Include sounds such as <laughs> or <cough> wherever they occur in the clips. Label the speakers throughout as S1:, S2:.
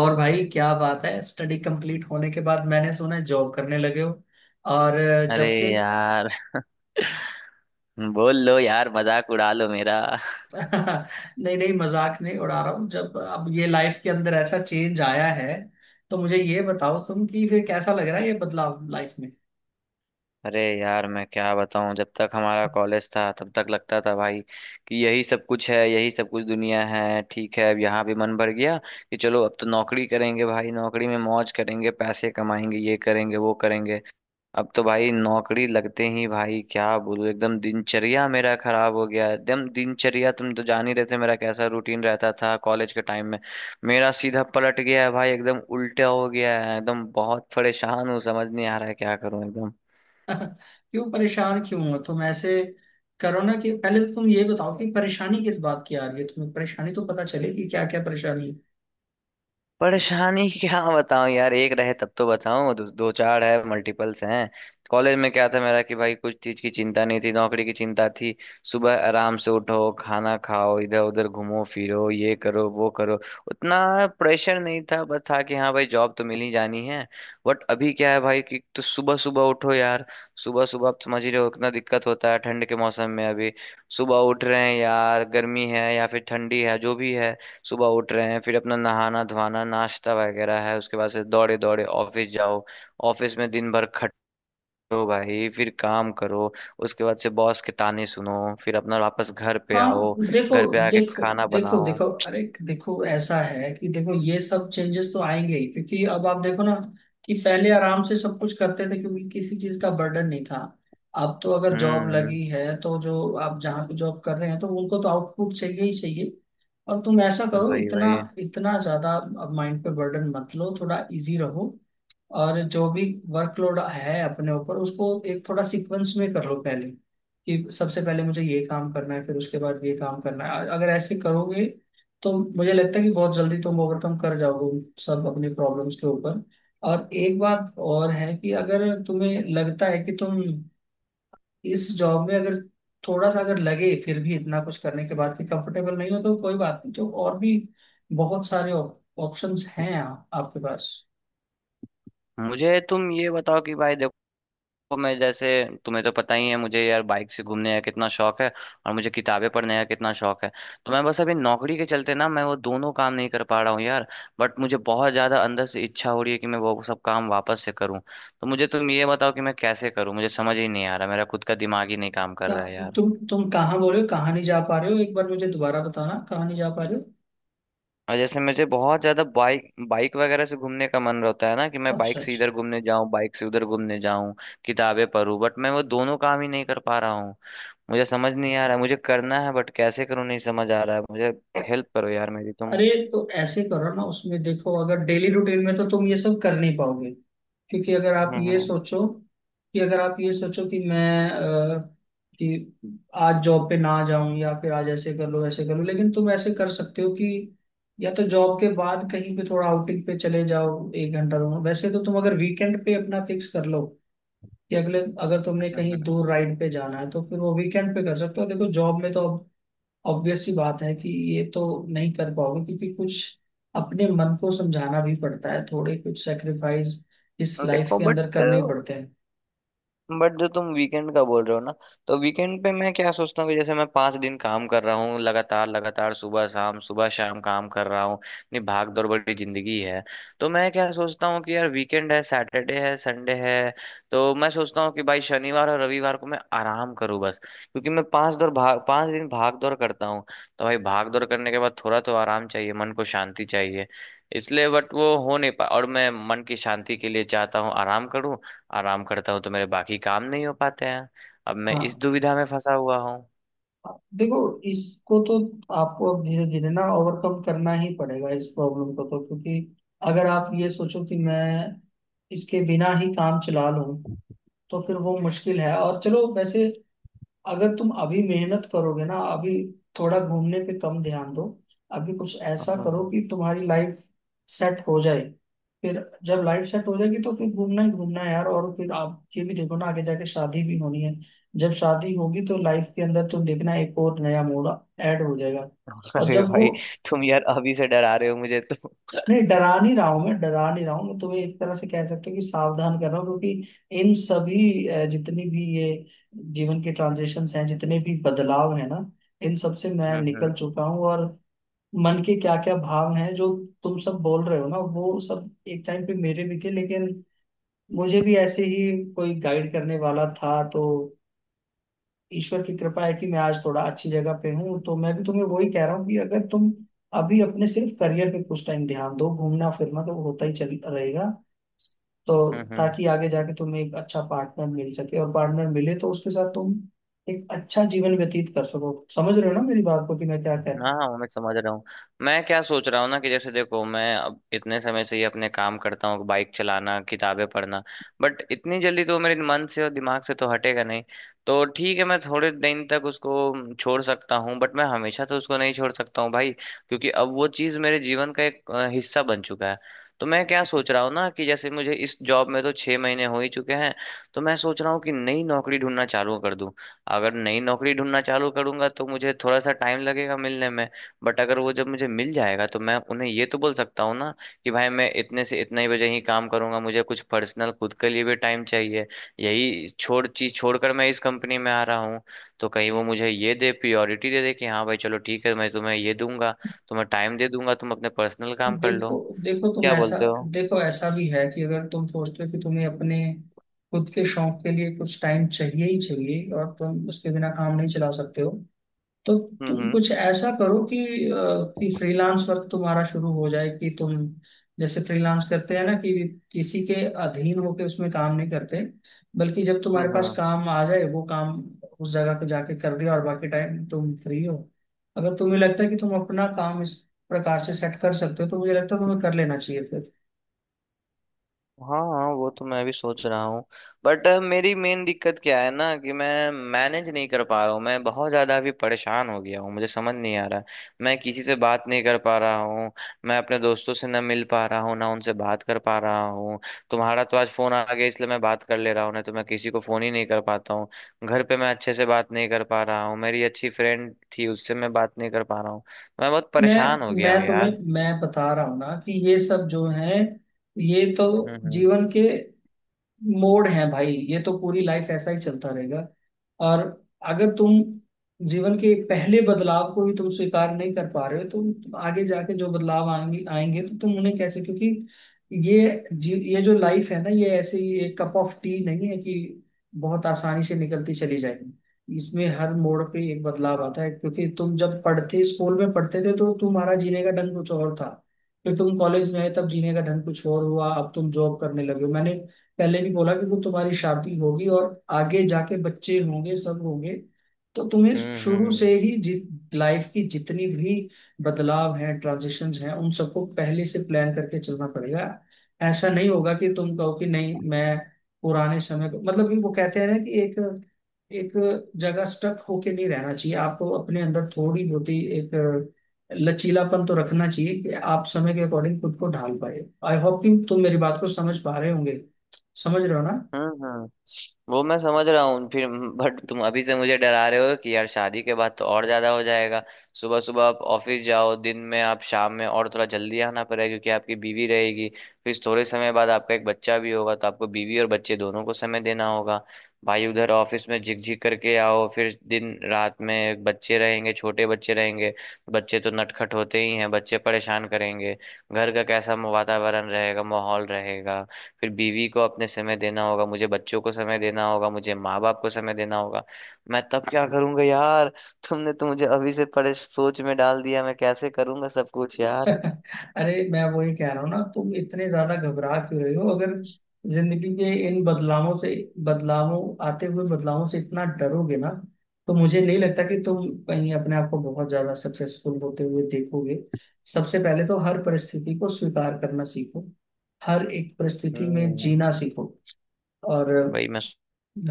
S1: और भाई, क्या बात है। स्टडी कंप्लीट होने के बाद मैंने सुना है जॉब करने लगे हो। और
S2: अरे
S1: जब से
S2: यार। बोल लो यार, मजाक उड़ा लो मेरा।
S1: <laughs> नहीं नहीं, मजाक नहीं उड़ा रहा हूँ। जब अब ये लाइफ के अंदर ऐसा चेंज आया है तो मुझे ये बताओ तुम, कि फिर कैसा लग रहा है ये बदलाव लाइफ में।
S2: अरे यार मैं क्या बताऊं, जब तक हमारा कॉलेज था तब तक लगता था भाई कि यही सब कुछ है, यही सब कुछ दुनिया है। ठीक है, अब यहाँ भी मन भर गया कि चलो अब तो नौकरी करेंगे, भाई नौकरी में मौज करेंगे, पैसे कमाएंगे, ये करेंगे वो करेंगे। अब तो भाई नौकरी लगते ही भाई क्या बोलूं, एकदम दिनचर्या मेरा खराब हो गया है। एकदम दिनचर्या, तुम तो जान ही रहे थे मेरा कैसा रूटीन रहता था कॉलेज के टाइम में। मेरा सीधा पलट गया है भाई, एकदम उल्टा हो गया है एकदम। बहुत परेशान हूँ, समझ नहीं आ रहा है क्या करूँ एकदम।
S1: <laughs> क्यों परेशान क्यों हो तुम ऐसे? करो ना, कि पहले तो तुम ये बताओ कि परेशानी किस बात की आ रही है तुम्हें। परेशानी तो पता चले कि क्या क्या परेशानी है।
S2: परेशानी <laughs> क्या बताऊं यार, एक रहे तब तो बताऊं, दो चार है, मल्टीपल्स हैं। कॉलेज में क्या था मेरा कि भाई कुछ चीज की चिंता नहीं थी, नौकरी की चिंता थी। सुबह आराम से उठो, खाना खाओ, इधर उधर घूमो फिरो, ये करो वो करो। उतना प्रेशर नहीं था, बस था कि हाँ भाई जॉब तो मिल ही जानी है। बट अभी क्या है भाई कि तो सुबह सुबह उठो यार। सुबह सुबह आप समझ ही रहे हो कितना दिक्कत होता है ठंड के मौसम में। अभी सुबह उठ रहे हैं यार, गर्मी है या फिर ठंडी है जो भी है। सुबह उठ रहे हैं, फिर अपना नहाना धोना नाश्ता वगैरह है, उसके बाद से दौड़े दौड़े ऑफिस जाओ। ऑफिस में दिन भर खटो भाई, फिर काम करो, उसके बाद से बॉस के ताने सुनो, फिर अपना वापस घर पे
S1: हाँ,
S2: आओ।
S1: देखो
S2: घर पे आके
S1: देखो
S2: खाना
S1: देखो
S2: बनाओ।
S1: देखो, अरे देखो, ऐसा है कि देखो ये सब चेंजेस तो आएंगे ही, क्योंकि अब आप देखो ना कि पहले आराम से सब कुछ करते थे क्योंकि किसी चीज का बर्डन नहीं था। अब तो अगर जॉब
S2: हम्म।
S1: लगी है तो जो आप जहाँ पे जॉब कर रहे हैं तो उनको तो आउटपुट चाहिए ही चाहिए। और तुम ऐसा करो,
S2: वही
S1: इतना
S2: वही।
S1: इतना ज्यादा अब माइंड पे बर्डन मत लो, थोड़ा इजी रहो। और जो भी वर्कलोड है अपने ऊपर उसको एक थोड़ा सीक्वेंस में कर लो पहले, कि सबसे पहले मुझे ये काम करना है फिर उसके बाद ये काम करना है। अगर ऐसे करोगे तो मुझे लगता है कि बहुत जल्दी तुम ओवरकम कर जाओगे उन सब अपनी प्रॉब्लम्स के ऊपर। और एक बात और है कि अगर तुम्हें लगता है कि तुम इस जॉब में अगर थोड़ा सा अगर लगे फिर भी इतना कुछ करने के बाद कि कंफर्टेबल नहीं हो तो कोई बात नहीं, तो और भी बहुत सारे ऑप्शंस हैं आपके पास।
S2: मुझे तुम ये बताओ कि भाई देखो, तो मैं जैसे, तुम्हें तो पता ही है मुझे यार बाइक से घूमने का कितना शौक है और मुझे किताबें पढ़ने का कितना शौक है। तो मैं बस अभी नौकरी के चलते ना, मैं वो दोनों काम नहीं कर पा रहा हूँ यार। बट मुझे बहुत ज्यादा अंदर से इच्छा हो रही है कि मैं वो सब काम वापस से करूँ। तो मुझे तुम ये बताओ कि मैं कैसे करूँ, मुझे समझ ही नहीं आ रहा, मेरा खुद का दिमाग ही नहीं काम कर रहा है
S1: क्या-
S2: यार।
S1: तुम कहाँ बोल रहे हो, कहाँ नहीं जा पा रहे हो? एक बार मुझे दोबारा बताना कहाँ नहीं जा पा रहे
S2: और जैसे मुझे बहुत ज्यादा बाइक बाइक वगैरह से घूमने का मन रहता है ना, कि
S1: हो।
S2: मैं
S1: अच्छा
S2: बाइक से
S1: अच्छा।
S2: इधर घूमने जाऊं, बाइक से उधर घूमने जाऊं, किताबें पढूं। बट मैं वो दोनों काम ही नहीं कर पा रहा हूँ। मुझे समझ नहीं आ रहा है, मुझे करना है बट कैसे करूँ नहीं समझ आ रहा है मुझे। हेल्प करो यार मेरी तुम।
S1: अरे तो ऐसे करो ना उसमें, देखो अगर डेली रूटीन में तो तुम ये सब कर नहीं पाओगे। क्योंकि अगर आप ये
S2: हम्म।
S1: सोचो कि मैं कि आज जॉब पे ना जाऊं या फिर आज ऐसे कर लो ऐसे कर लो, लेकिन तुम ऐसे कर सकते हो कि या तो जॉब के बाद कहीं पे थोड़ा आउटिंग पे चले जाओ, एक घंटा दो घंटा। वैसे तो तुम अगर वीकेंड पे अपना फिक्स कर लो कि अगले, अगर तुमने
S2: हम्म,
S1: कहीं
S2: हम्म।
S1: दूर राइड पे जाना है तो फिर वो वीकेंड पे कर सकते हो। देखो जॉब में तो ऑब्वियस सी बात है कि ये तो नहीं कर पाओगे, क्योंकि कुछ अपने मन को समझाना भी पड़ता है, थोड़े कुछ सेक्रीफाइस इस लाइफ
S2: देखो
S1: के
S2: बट
S1: अंदर करने ही पड़ते हैं।
S2: बट जो तुम वीकेंड का बोल रहे हो ना, तो वीकेंड पे मैं क्या सोचता हूँ कि जैसे मैं 5 दिन काम कर रहा हूँ लगातार लगातार, सुबह शाम काम कर रहा हूँ। इतनी भाग दौड़ भरी जिंदगी है। तो मैं क्या सोचता हूँ कि यार वीकेंड है, सैटरडे है संडे है, तो मैं सोचता हूँ कि भाई शनिवार और रविवार को मैं आराम करूँ बस, क्योंकि मैं 5 दिन भाग दौड़ करता हूँ। तो भाई भाग दौड़ करने के बाद थोड़ा तो आराम चाहिए, मन को शांति चाहिए। इसलिए बट वो हो नहीं पा, और मैं मन की शांति के लिए चाहता हूँ आराम करूँ। आराम करता हूँ तो मेरे बाकी काम नहीं हो पाते हैं। अब मैं इस
S1: हाँ,
S2: दुविधा में फंसा हुआ हूँ <laughs>
S1: देखो इसको तो आपको अब धीरे धीरे ना ओवरकम करना ही पड़ेगा इस प्रॉब्लम को, तो क्योंकि अगर आप ये सोचो कि मैं इसके बिना ही काम चला लूं तो फिर वो मुश्किल है। और चलो वैसे, अगर तुम अभी मेहनत करोगे ना, अभी थोड़ा घूमने पे कम ध्यान दो। अभी कुछ
S2: हम्म,
S1: ऐसा
S2: हम्म।
S1: करो कि तुम्हारी लाइफ सेट हो जाए। फिर जब लाइफ सेट हो जाएगी तो फिर घूमना ही घूमना है यार। और फिर आप ये भी देखो ना, आगे जाके शादी भी होनी है। जब शादी होगी तो लाइफ के अंदर तुम देखना एक और नया मोड़ ऐड हो जाएगा। और
S2: अरे
S1: जब वो
S2: भाई, तुम यार अभी से डरा रहे हो मुझे तो।
S1: नहीं डरा नहीं रहा हूं, मैं डरा नहीं रहा हूं, मैं तुम्हें एक तरह से कह सकते हो कि सावधान कर रहा हूँ। क्योंकि इन सभी जितनी भी ये जीवन के ट्रांजिशंस हैं, जितने भी बदलाव हैं ना, इन सब से मैं निकल
S2: हम्म।
S1: चुका हूँ। और मन के क्या क्या भाव हैं जो तुम सब बोल रहे हो ना, वो सब एक टाइम पे मेरे भी थे। लेकिन मुझे भी ऐसे ही कोई गाइड करने वाला था, तो ईश्वर की कृपा है कि मैं आज थोड़ा अच्छी जगह पे हूँ। तो मैं भी तुम्हें वही कह रहा हूँ कि अगर तुम अभी अपने सिर्फ करियर पे कुछ टाइम ध्यान दो, घूमना फिरना तो होता ही चल रहेगा। तो
S2: हम्म हम्म।
S1: ताकि आगे जाके तुम्हें एक अच्छा पार्टनर मिल सके, और पार्टनर मिले तो उसके साथ तुम एक अच्छा जीवन व्यतीत कर सको। समझ रहे हो ना मेरी बात को, कि मैं क्या कह रहा
S2: हाँ
S1: हूँ।
S2: हाँ, वो मैं समझ रहा हूँ। मैं क्या सोच रहा हूँ ना कि जैसे देखो, मैं अब इतने समय से ये अपने काम करता हूँ, बाइक चलाना किताबें पढ़ना। बट इतनी जल्दी तो मेरे मन से और दिमाग से तो हटेगा नहीं। तो ठीक है, मैं थोड़े दिन तक उसको छोड़ सकता हूँ, बट मैं हमेशा तो उसको नहीं छोड़ सकता हूँ भाई, क्योंकि अब वो चीज़ मेरे जीवन का एक हिस्सा बन चुका है। तो मैं क्या सोच रहा हूँ ना कि जैसे मुझे इस जॉब में तो 6 महीने हो ही चुके हैं। तो मैं सोच रहा हूँ कि नई नौकरी ढूंढना चालू कर दूँ। अगर नई नौकरी ढूंढना चालू करूंगा तो मुझे थोड़ा सा टाइम लगेगा मिलने में। बट अगर वो जब मुझे मिल जाएगा तो मैं उन्हें ये तो बोल सकता हूँ ना कि भाई मैं इतने से इतने ही बजे ही काम करूंगा, मुझे कुछ पर्सनल खुद के लिए भी टाइम चाहिए, यही छोड़ चीज छोड़कर मैं इस कंपनी में आ रहा हूँ। तो कहीं वो मुझे ये दे प्रियोरिटी दे दे कि हाँ भाई चलो ठीक है, मैं तुम्हें ये दूंगा, तुम्हें टाइम दे दूंगा, तुम अपने पर्सनल काम कर
S1: देखो।
S2: लो।
S1: देखो तुम
S2: क्या
S1: ऐसा
S2: बोलते हो?
S1: देखो ऐसा भी है कि अगर तुम सोचते हो कि तुम्हें अपने खुद के शौक के लिए कुछ टाइम चाहिए ही चाहिए और तुम उसके बिना काम नहीं चला सकते हो, तो तुम
S2: हम्म।
S1: कुछ ऐसा करो कि अ, कि फ्रीलांस वर्क तुम्हारा शुरू हो जाए, कि तुम जैसे फ्रीलांस करते हैं ना, कि किसी के अधीन होके उसमें काम नहीं करते, बल्कि जब तुम्हारे पास
S2: हम्म।
S1: काम आ जाए वो काम उस जगह पे जाके कर दिया और बाकी टाइम तुम फ्री हो। अगर तुम्हें लगता है कि तुम अपना काम इस प्रकार से सेट कर सकते हो तो मुझे लगता है तुम्हें कर लेना चाहिए फिर।
S2: हाँ हाँ, वो तो मैं भी सोच रहा हूँ। बट मेरी मेन दिक्कत क्या है ना कि मैं मैनेज नहीं कर पा रहा हूँ, मैं बहुत ज़्यादा अभी परेशान हो गया हूँ, मुझे समझ नहीं आ रहा। मैं किसी से बात नहीं कर पा रहा हूँ, मैं अपने दोस्तों से ना मिल पा रहा हूँ ना उनसे बात कर पा रहा हूँ। तुम्हारा तो आज फ़ोन आ गया इसलिए मैं बात कर ले रहा हूँ, नहीं तो मैं किसी को फ़ोन ही नहीं कर पाता हूँ। घर पे मैं अच्छे से बात नहीं कर पा रहा हूँ, मेरी अच्छी फ्रेंड थी उससे मैं बात नहीं कर पा रहा हूँ। मैं बहुत
S1: मैं
S2: परेशान हो गया हूँ
S1: मैं तुम्हें
S2: यार।
S1: मैं बता रहा हूँ ना, कि ये सब जो है ये तो
S2: हम्म।
S1: जीवन के मोड़ है भाई, ये तो पूरी लाइफ ऐसा ही चलता रहेगा। और अगर तुम जीवन के पहले बदलाव को ही तुम स्वीकार नहीं कर पा रहे हो तो तुम आगे जाके जो बदलाव आएंगे आएंगे तो तुम उन्हें कैसे? क्योंकि ये जो लाइफ है ना ये ऐसे ही एक कप ऑफ टी नहीं है कि बहुत आसानी से निकलती चली जाएगी, इसमें हर मोड़ पे एक बदलाव आता है। क्योंकि तुम जब पढ़ते स्कूल में पढ़ते थे तो तुम्हारा जीने का ढंग कुछ और था, फिर तुम कॉलेज में आए तब जीने का ढंग कुछ और हुआ, अब तुम जॉब करने लगे हो। मैंने पहले भी बोला कि वो तुम्हारी शादी होगी और आगे जाके बच्चे होंगे, सब होंगे। तो तुम्हें शुरू
S2: हम्म।
S1: से ही लाइफ की जितनी भी बदलाव हैं, ट्रांजिशंस हैं, उन सबको पहले से प्लान करके चलना पड़ेगा। ऐसा नहीं होगा कि तुम कहो कि नहीं मैं पुराने समय को, मतलब कि वो कहते हैं ना कि एक एक जगह स्टक होके नहीं रहना चाहिए। आपको अपने अंदर थोड़ी बहुत ही एक लचीलापन तो रखना चाहिए कि आप समय के अकॉर्डिंग खुद को ढाल पाए। आई होप कि तुम मेरी बात को समझ पा रहे होंगे। समझ रहे हो ना?
S2: हम्म। वो मैं समझ रहा हूँ फिर। बट तुम अभी से मुझे डरा रहे हो कि यार शादी के बाद तो और ज्यादा हो जाएगा, सुबह सुबह आप ऑफिस जाओ, दिन में आप शाम में और थोड़ा जल्दी आना पड़ेगा क्योंकि आपकी बीवी रहेगी। फिर थोड़े समय बाद आपका एक बच्चा भी होगा, तो आपको बीवी और बच्चे दोनों को समय देना होगा। भाई उधर ऑफिस में झिकझिक करके आओ, फिर दिन रात में बच्चे रहेंगे, छोटे बच्चे रहेंगे। बच्चे तो नटखट होते ही हैं, बच्चे परेशान करेंगे। घर का कैसा वातावरण रहेगा, माहौल रहेगा। फिर बीवी को अपने समय देना होगा, मुझे बच्चों को समय देना होगा, मुझे माँ बाप को समय देना होगा। मैं तब क्या करूंगा यार? तुमने तो मुझे अभी से परे सोच में डाल दिया। मैं कैसे करूंगा सब कुछ
S1: <laughs>
S2: यार?
S1: अरे मैं वही कह रहा हूँ ना, तुम इतने ज्यादा घबरा क्यों रहे हो? अगर जिंदगी के इन बदलावों से, बदलावों आते हुए बदलावों से इतना डरोगे ना तो मुझे नहीं लगता कि तुम कहीं अपने आप को बहुत ज्यादा सक्सेसफुल होते हुए देखोगे। सबसे पहले तो हर परिस्थिति को स्वीकार करना सीखो, हर एक परिस्थिति में
S2: हम्म
S1: जीना सीखो। और
S2: वही मैं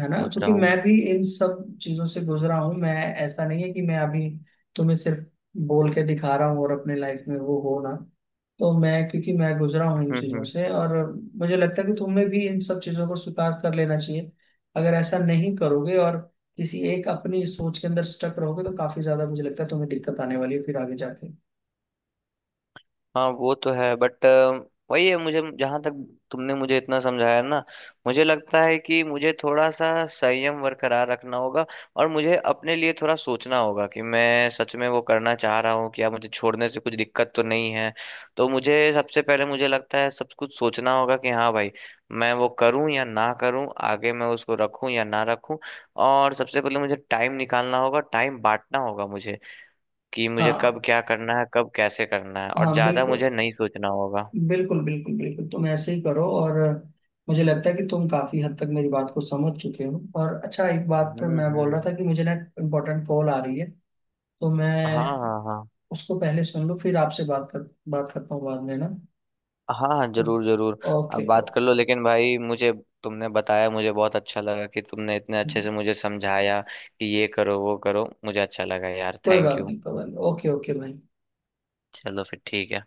S1: है ना, क्योंकि
S2: रहा
S1: मैं भी इन सब चीजों से गुजरा हूँ। मैं, ऐसा नहीं है कि मैं अभी तुम्हें सिर्फ बोल के दिखा रहा हूँ और अपने लाइफ में वो हो ना, तो मैं, क्योंकि मैं गुजरा हूँ इन चीजों
S2: हूँ <laughs>
S1: से, और मुझे लगता है कि तुम्हें भी इन सब चीजों को स्वीकार कर लेना चाहिए। अगर ऐसा नहीं करोगे और किसी एक अपनी सोच के अंदर स्टक रहोगे तो काफी ज्यादा मुझे लगता है तुम्हें दिक्कत आने वाली है फिर आगे जाके।
S2: हाँ वो तो है। बट वही है मुझे, जहां तक तुमने मुझे इतना समझाया ना, मुझे लगता है कि मुझे थोड़ा सा संयम बरकरार रखना होगा। और मुझे अपने लिए थोड़ा सोचना होगा कि मैं सच में वो करना चाह रहा हूँ क्या, मुझे छोड़ने से कुछ दिक्कत तो नहीं है। तो मुझे सबसे पहले, मुझे लगता है, सब कुछ सोचना होगा कि हाँ भाई मैं वो करूँ या ना करूँ, आगे मैं उसको रखूँ या ना रखूँ। और सबसे पहले मुझे टाइम निकालना होगा, टाइम बांटना होगा मुझे, कि मुझे कब
S1: हाँ
S2: क्या करना है, कब कैसे करना है, और
S1: हाँ,
S2: ज्यादा
S1: बिल्कुल
S2: मुझे नहीं सोचना होगा।
S1: बिल्कुल बिल्कुल बिल्कुल, तुम ऐसे ही करो। और मुझे लगता है कि तुम काफी हद तक मेरी बात को समझ चुके हो। और अच्छा, एक बात मैं बोल रहा
S2: हम्म।
S1: था कि मुझे ना इम्पोर्टेंट कॉल आ रही है तो
S2: हाँ
S1: मैं
S2: हाँ हाँ।
S1: उसको पहले सुन लूँ फिर आपसे बात करता हूँ बाद में ना।
S2: हाँ हाँ, जरूर जरूर।
S1: ओके।
S2: अब बात कर लो लेकिन भाई मुझे, तुमने बताया, मुझे बहुत अच्छा लगा कि तुमने इतने अच्छे से मुझे समझाया कि ये करो वो करो, मुझे अच्छा लगा यार।
S1: कोई
S2: थैंक
S1: बात
S2: यू।
S1: नहीं कोई बात नहीं, ओके ओके भाई।
S2: चलो फिर ठीक है।